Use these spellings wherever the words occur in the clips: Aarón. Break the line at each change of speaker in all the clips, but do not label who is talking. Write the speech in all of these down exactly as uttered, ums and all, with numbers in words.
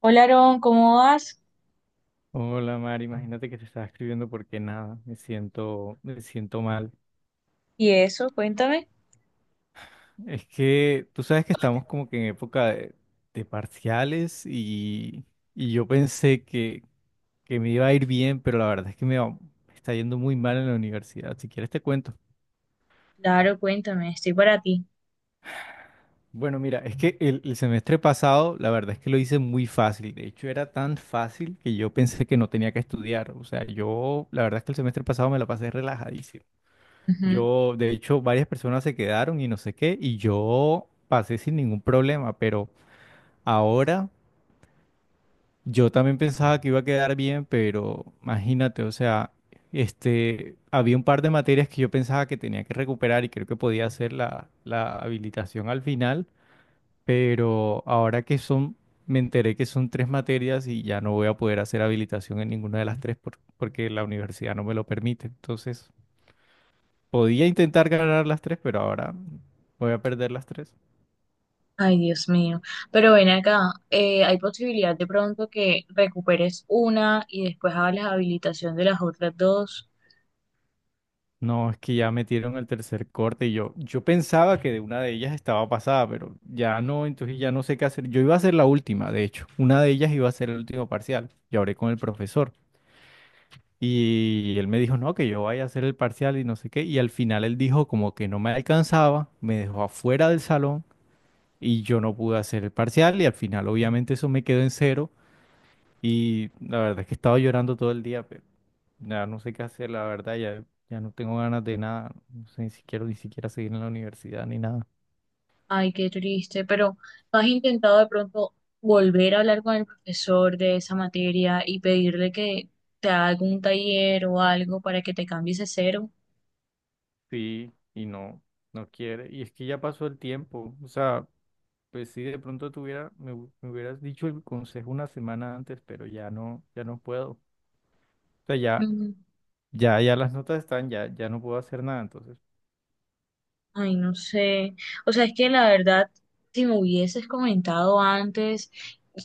Hola, Aarón, ¿cómo vas?
Hola, Mari, imagínate que te estaba escribiendo porque nada, me siento, me siento mal.
¿Y eso? Cuéntame.
Es que tú sabes que estamos como que en época de, de parciales y, y yo pensé que, que me iba a ir bien, pero la verdad es que me, va- me está yendo muy mal en la universidad. Si quieres te cuento.
Claro, cuéntame, estoy para ti.
Bueno, mira, es que el, el semestre pasado la verdad es que lo hice muy fácil. De hecho, era tan fácil que yo pensé que no tenía que estudiar. O sea, yo la verdad es que el semestre pasado me la pasé relajadísimo.
Ujú.
Yo, de hecho, varias personas se quedaron y no sé qué, y yo pasé sin ningún problema, pero ahora yo también pensaba que iba a quedar bien, pero imagínate, o sea, este, había un par de materias que yo pensaba que tenía que recuperar y creo que podía hacer la, la habilitación al final, pero ahora que son, me enteré que son tres materias y ya no voy a poder hacer habilitación en ninguna de las tres por- porque la universidad no me lo permite, entonces... Podía intentar ganar las tres, pero ahora voy a perder las tres.
Ay, Dios mío. Pero ven acá, eh, ¿hay posibilidad de pronto que recuperes una y después hagas la habilitación de las otras dos?
No, es que ya metieron el tercer corte y yo, yo pensaba que de una de ellas estaba pasada, pero ya no, entonces ya no sé qué hacer. Yo iba a hacer la última, de hecho. Una de ellas iba a ser el último parcial. Yo hablé con el profesor y él me dijo, no, que yo vaya a hacer el parcial y no sé qué. Y al final él dijo como que no me alcanzaba, me dejó afuera del salón y yo no pude hacer el parcial y al final obviamente eso me quedó en cero. Y la verdad es que estaba llorando todo el día, pero ya no sé qué hacer, la verdad, ya, ya no tengo ganas de nada, no sé ni siquiera, ni siquiera seguir en la universidad ni nada.
Ay, qué triste. Pero ¿no has intentado de pronto volver a hablar con el profesor de esa materia y pedirle que te haga algún taller o algo para que te cambies ese cero?
Sí, y no, no quiere. Y es que ya pasó el tiempo, o sea, pues si de pronto tuviera, me, hu- me hubieras dicho el consejo una semana antes, pero ya no, ya no puedo. O sea, ya, ya, ya las notas están, ya, ya no puedo hacer nada, entonces.
Ay, no sé. O sea, es que la verdad, si me hubieses comentado antes,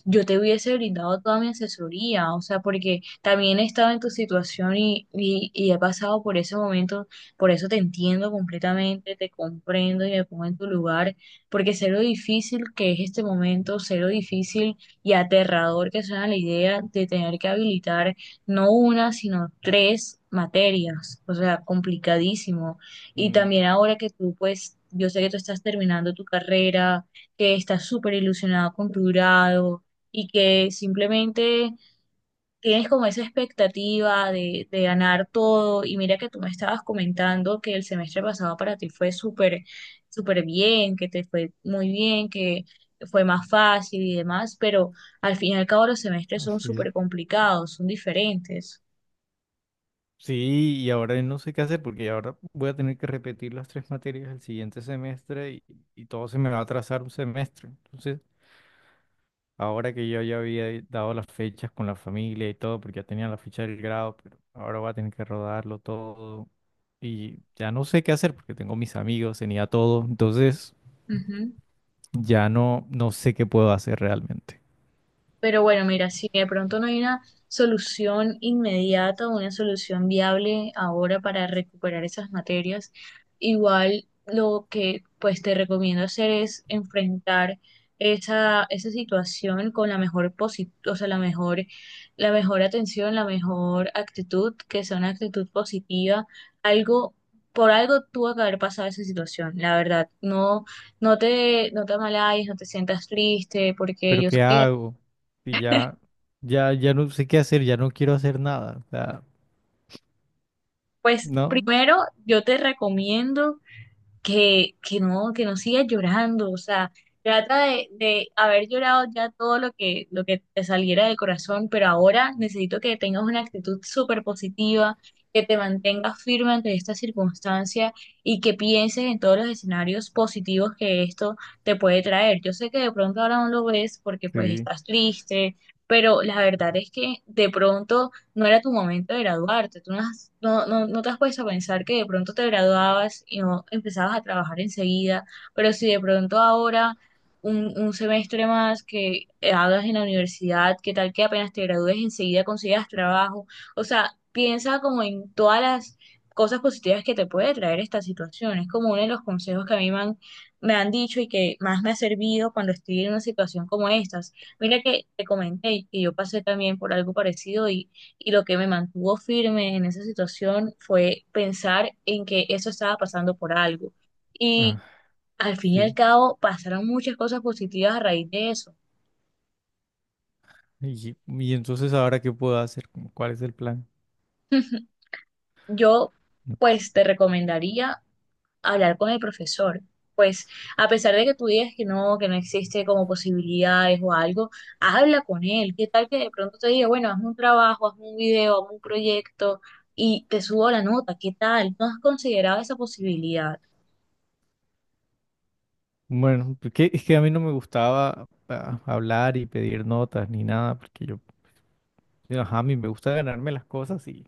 yo te hubiese brindado toda mi asesoría. O sea, porque también he estado en tu situación y, y, y he pasado por ese momento. Por eso te entiendo completamente, te comprendo y me pongo en tu lugar. Porque sé lo difícil que es este momento, sé lo difícil y aterrador que suena la idea de tener que habilitar no una, sino tres materias. O sea, complicadísimo. Y
mm,
también ahora que tú, pues, yo sé que tú estás terminando tu carrera, que estás súper ilusionado con tu grado y que simplemente tienes como esa expectativa de, de ganar todo. Y mira que tú me estabas comentando que el semestre pasado para ti fue súper, súper bien, que te fue muy bien, que fue más fácil y demás, pero al fin y al cabo los semestres son
Así es.
súper complicados, son diferentes.
Sí, y ahora no sé qué hacer porque ahora voy a tener que repetir las tres materias el siguiente semestre y, y todo se me va a atrasar un semestre. Entonces, ahora que yo ya había dado las fechas con la familia y todo, porque ya tenía la fecha del grado, pero ahora voy a tener que rodarlo todo y ya no sé qué hacer porque tengo mis amigos, tenía todo, entonces ya no, no sé qué puedo hacer realmente.
Pero bueno, mira, si de pronto no hay una solución inmediata una solución viable ahora para recuperar esas materias, igual lo que pues te recomiendo hacer es enfrentar esa, esa situación con la mejor posi- o sea, la mejor, la mejor atención, la mejor actitud, que sea una actitud positiva, algo, por algo tuvo que haber pasado esa situación, la verdad, no, no te, no te amalayes, no te sientas triste, porque
Pero
yo sé
¿qué
que.
hago? Y ya, ya, ya no sé qué hacer, ya no quiero hacer nada. O sea,
Pues
¿no?
primero yo te recomiendo que, que no, que no sigas llorando, o sea, trata de, de haber llorado ya todo lo que, lo que te saliera del corazón, pero ahora necesito que tengas una actitud súper positiva, que te mantengas firme ante esta circunstancia y que pienses en todos los escenarios positivos que esto te puede traer. Yo sé que de pronto ahora no lo ves porque pues
Sí.
estás triste, pero la verdad es que de pronto no era tu momento de graduarte, tú no, has- no, no, no te has puesto a pensar que de pronto te graduabas y no empezabas a trabajar enseguida, pero si de pronto ahora un, un semestre más que hagas en la universidad, qué tal que apenas te gradúes enseguida consigas trabajo, o sea, piensa como en todas las cosas positivas que te puede traer esta situación, es como uno de los consejos que a mí me han, me han dicho y que más me ha servido cuando estoy en una situación como estas. Mira que te comenté que yo pasé también por algo parecido y y lo que me mantuvo firme en esa situación fue pensar en que eso estaba pasando por algo. Y al fin y al
Sí.
cabo pasaron muchas cosas positivas a raíz de eso.
Y, y entonces ahora qué puedo hacer, como, ¿cuál es el plan?
Yo,
No,
pues, te recomendaría hablar con el profesor. Pues, a pesar de que tú digas que no, que no existe como posibilidades o algo, habla con él. ¿Qué tal que de pronto te diga, bueno, hazme un trabajo, hazme un video, hazme un proyecto y te subo la nota? ¿Qué tal? ¿No has considerado esa posibilidad?
bueno, porque es que a mí no me gustaba ah, hablar y pedir notas ni nada, porque yo, ajá, a mí me gusta ganarme las cosas y,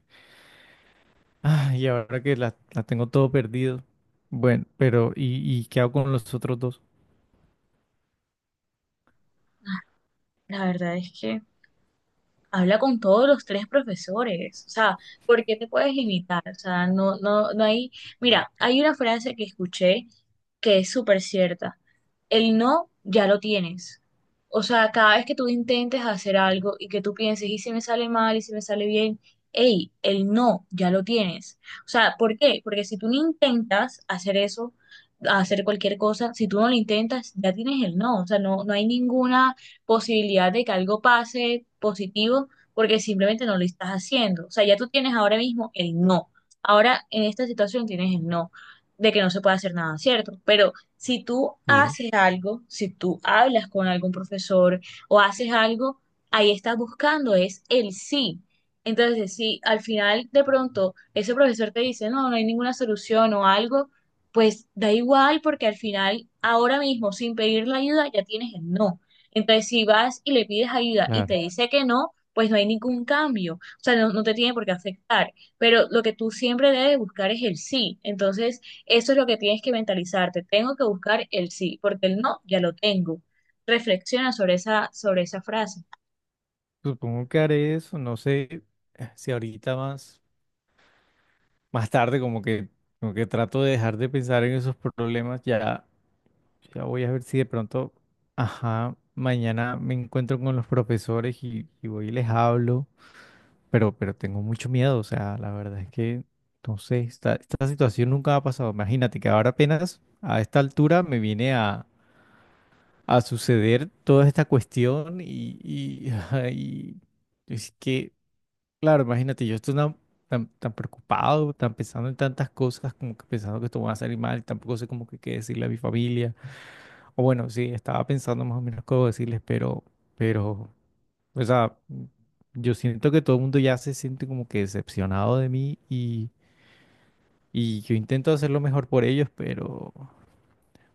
ah, y ahora que las las tengo todo perdido. Bueno, pero ¿y, y qué hago con los otros dos?
La verdad es que habla con todos los tres profesores, o sea, ¿por qué te puedes limitar? O sea, no, no, no hay, mira, hay una frase que escuché que es súper cierta. El no ya lo tienes. O sea, cada vez que tú intentes hacer algo y que tú pienses, ¿y si me sale mal? ¿Y si me sale bien? Ey, el no ya lo tienes. O sea, ¿por qué? Porque si tú no intentas hacer eso, hacer cualquier cosa, si tú no lo intentas, ya tienes el no. O sea, no, no hay ninguna posibilidad de que algo pase positivo porque simplemente no lo estás haciendo. O sea, ya tú tienes ahora mismo el no. Ahora en esta situación tienes el no de que no se puede hacer nada, ¿cierto? Pero si tú
Sí,
haces algo, si tú hablas con algún profesor o haces algo, ahí estás buscando es el sí. Entonces, si al final de pronto ese profesor te dice, no, no hay ninguna solución o algo, pues da igual porque al final, ahora mismo, sin pedir la ayuda, ya tienes el no. Entonces, si vas y le pides ayuda y te
claro.
dice que no, pues no hay ningún cambio. O sea, no, no te tiene por qué afectar. Pero lo que tú siempre debes buscar es el sí. Entonces, eso es lo que tienes que mentalizarte. Tengo que buscar el sí, porque el no ya lo tengo. Reflexiona sobre esa, sobre esa frase.
Supongo que haré eso, no sé eh, si ahorita más, más tarde como que, como que trato de dejar de pensar en esos problemas ya. Ya voy a ver si de pronto, ajá, mañana me encuentro con los profesores y, y voy y les hablo, pero, pero tengo mucho miedo, o sea, la verdad es que, no sé, esta, esta situación nunca ha pasado. Imagínate que ahora apenas a esta altura me viene a, a suceder toda esta cuestión y, y, ajá, y es que, claro, imagínate, yo estoy tan, tan, tan preocupado, tan pensando en tantas cosas, como que pensando que esto va a salir mal, tampoco sé como que qué decirle a mi familia. O bueno, sí, estaba pensando más o menos cómo decirles, pero, pero, o sea, yo siento que todo el mundo ya se siente como que decepcionado de mí y, y yo intento hacer lo mejor por ellos, pero,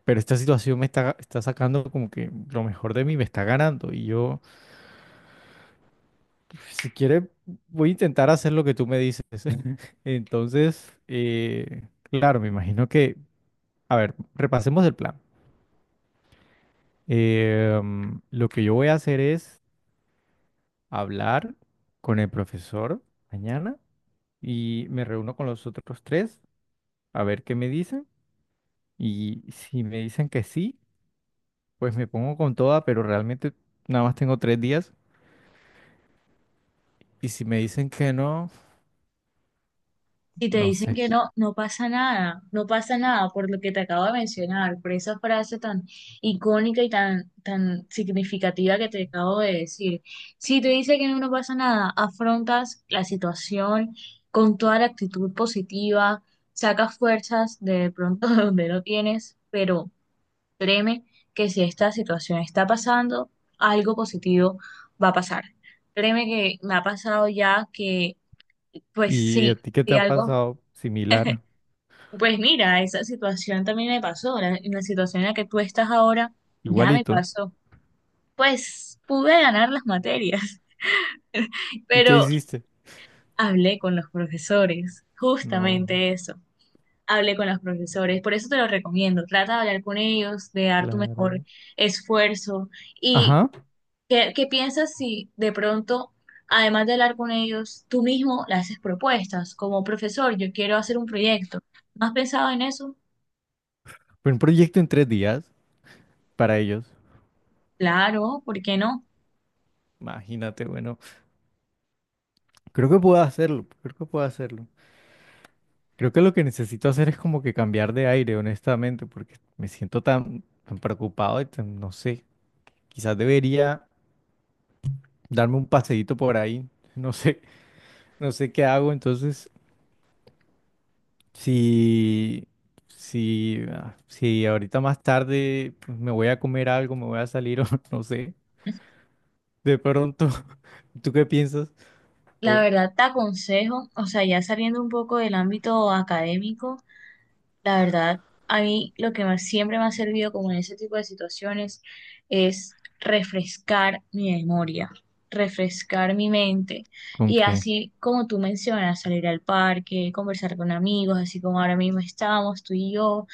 pero esta situación me está, está sacando como que lo mejor de mí, me está ganando y yo, si quiere, voy a intentar hacer lo que tú me dices. Entonces, eh, claro, me imagino que, a ver, repasemos el plan. Eh, mm, lo que yo voy a hacer es hablar con el profesor mañana y me reúno con los otros tres a ver qué me dicen. Y si me dicen que sí, pues me pongo con toda, pero realmente nada más tengo tres días. Y si me dicen que no,
Si te
no
dicen
sé.
que no, no pasa nada, no pasa nada por lo que te acabo de mencionar, por esa frase tan icónica y tan, tan significativa que te acabo de decir. Si te dicen que no, no pasa nada, afrontas la situación con toda la actitud positiva, sacas fuerzas de pronto de donde no tienes, pero créeme que si esta situación está pasando, algo positivo va a pasar. Créeme que me ha pasado ya que, pues
¿Y
sí,
a ti qué te
si
ha
algo
pasado? Similar,
pues mira, esa situación también me pasó. La, en la situación en la que tú estás ahora ya me
igualito.
pasó. Pues pude ganar las materias,
¿Y qué
pero
hiciste?
hablé con los profesores,
No,
justamente eso. Hablé con los profesores, por eso te lo recomiendo. Trata de hablar con ellos, de dar tu mejor
claro.
esfuerzo. ¿Y
Ajá,
qué, qué piensas si de pronto, además de hablar con ellos, tú mismo le haces propuestas como profesor, yo quiero hacer un proyecto? ¿No has pensado en eso?
fue un proyecto en tres días para ellos.
Claro, ¿por qué no?
Imagínate, bueno, creo que puedo hacerlo, creo que puedo hacerlo. Creo que lo que necesito hacer es como que cambiar de aire, honestamente, porque me siento tan, tan preocupado y tan- no sé, quizás debería darme un paseíto por ahí, no sé, no sé qué hago, entonces si, si, ah, si ahorita más tarde pues, me voy a comer algo, me voy a salir o no sé, de pronto, ¿tú qué piensas?
La
O,
verdad te aconsejo, o sea, ya saliendo un poco del ámbito académico, la verdad a mí lo que más siempre me ha servido como en ese tipo de situaciones es refrescar mi memoria, refrescar mi mente
¿con
y
qué?
así como tú mencionas, salir al parque, conversar con amigos, así como ahora mismo estamos tú y yo,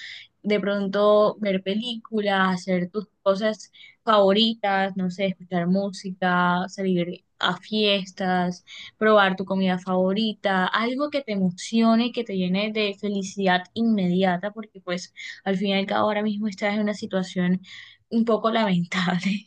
de pronto ver películas, hacer tus cosas favoritas, no sé, escuchar música, salir a fiestas probar tu comida favorita, algo que te emocione, que te llene de felicidad inmediata, porque pues al fin y al cabo ahora mismo estás en una situación un poco lamentable.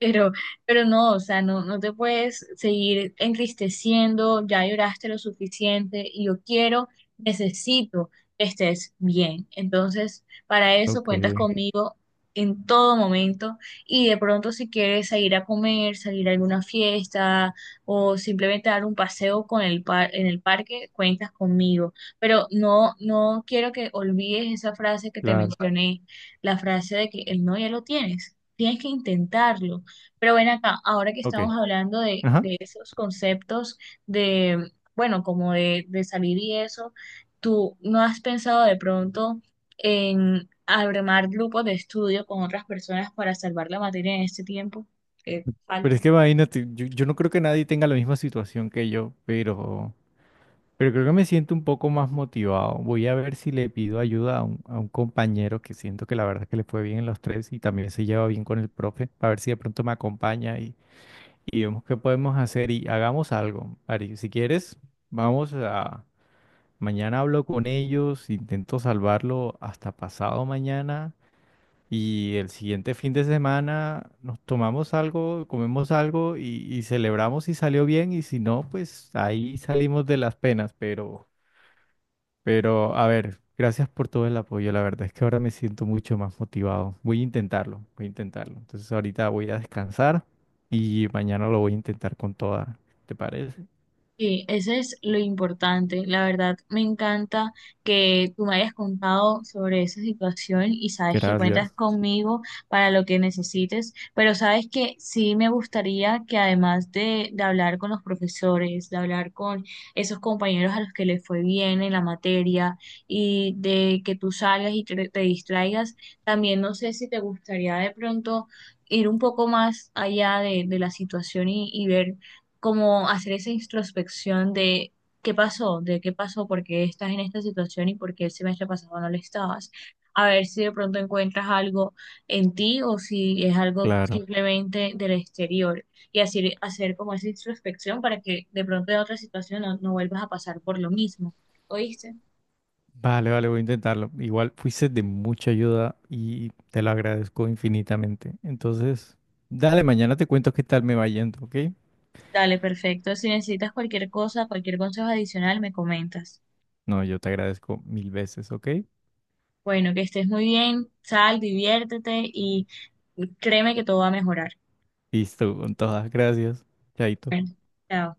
Pero, pero no, o sea, no, no te puedes seguir entristeciendo, ya lloraste lo suficiente y yo quiero, necesito que estés bien. Entonces, para eso
Ok,
cuentas conmigo en todo momento y de pronto si quieres salir a comer, salir a alguna fiesta o simplemente dar un paseo con el par en el parque, cuentas conmigo. Pero no, no quiero que olvides esa frase que te
claro,
mencioné, la frase de que el no ya lo tienes. Tienes que intentarlo. Pero ven acá, ahora que
ok,
estamos hablando de,
ajá.
de esos conceptos de, bueno, como de, de salir y eso, ¿tú no has pensado de pronto en armar grupos de estudio con otras personas para salvar la materia en este tiempo que
Pero
falta?
es que imagínate, yo, yo no creo que nadie tenga la misma situación que yo, pero... Pero creo que me siento un poco más motivado. Voy a ver si le pido ayuda a un, a un compañero que siento que la verdad es que le fue bien en los tres y también se lleva bien con el profe, para ver si de pronto me acompaña y, y vemos qué podemos hacer y hagamos algo. Ari, si quieres, vamos a... Mañana hablo con ellos, intento salvarlo hasta pasado mañana y el siguiente fin de semana nos tomamos algo, comemos algo y, y celebramos si salió bien y si no, pues ahí salimos de las penas, pero... Pero, a ver, gracias por todo el apoyo. La verdad es que ahora me siento mucho más motivado. Voy a intentarlo, voy a intentarlo. Entonces ahorita voy a descansar y mañana lo voy a intentar con toda. ¿Te parece?
Sí, ese es lo importante. La verdad, me encanta que tú me hayas contado sobre esa situación y sabes que cuentas
Gracias.
conmigo para lo que necesites, pero sabes que sí me gustaría que además de, de hablar con los profesores, de hablar con esos compañeros a los que les fue bien en la materia y de que tú salgas y te, te distraigas, también no sé si te gustaría de pronto ir un poco más allá de, de la situación y, y ver como hacer esa introspección de qué pasó, de qué pasó, por qué estás en esta situación y por qué el semestre pasado no lo estabas. A ver si de pronto encuentras algo en ti o si es algo
Claro.
simplemente del exterior y así hacer como esa introspección para que de pronto en otra situación no, no vuelvas a pasar por lo mismo. ¿Oíste?
Vale, vale, voy a intentarlo. Igual fuiste de mucha ayuda y te lo agradezco infinitamente. Entonces, dale, mañana te cuento qué tal me va yendo, ¿ok?
Dale, perfecto. Si necesitas cualquier cosa, cualquier consejo adicional, me comentas.
No, yo te agradezco mil veces, ¿ok?
Bueno, que estés muy bien, sal, diviértete y créeme que todo va a mejorar.
Listo, con todas. Gracias. Chaito.
Bueno, chao.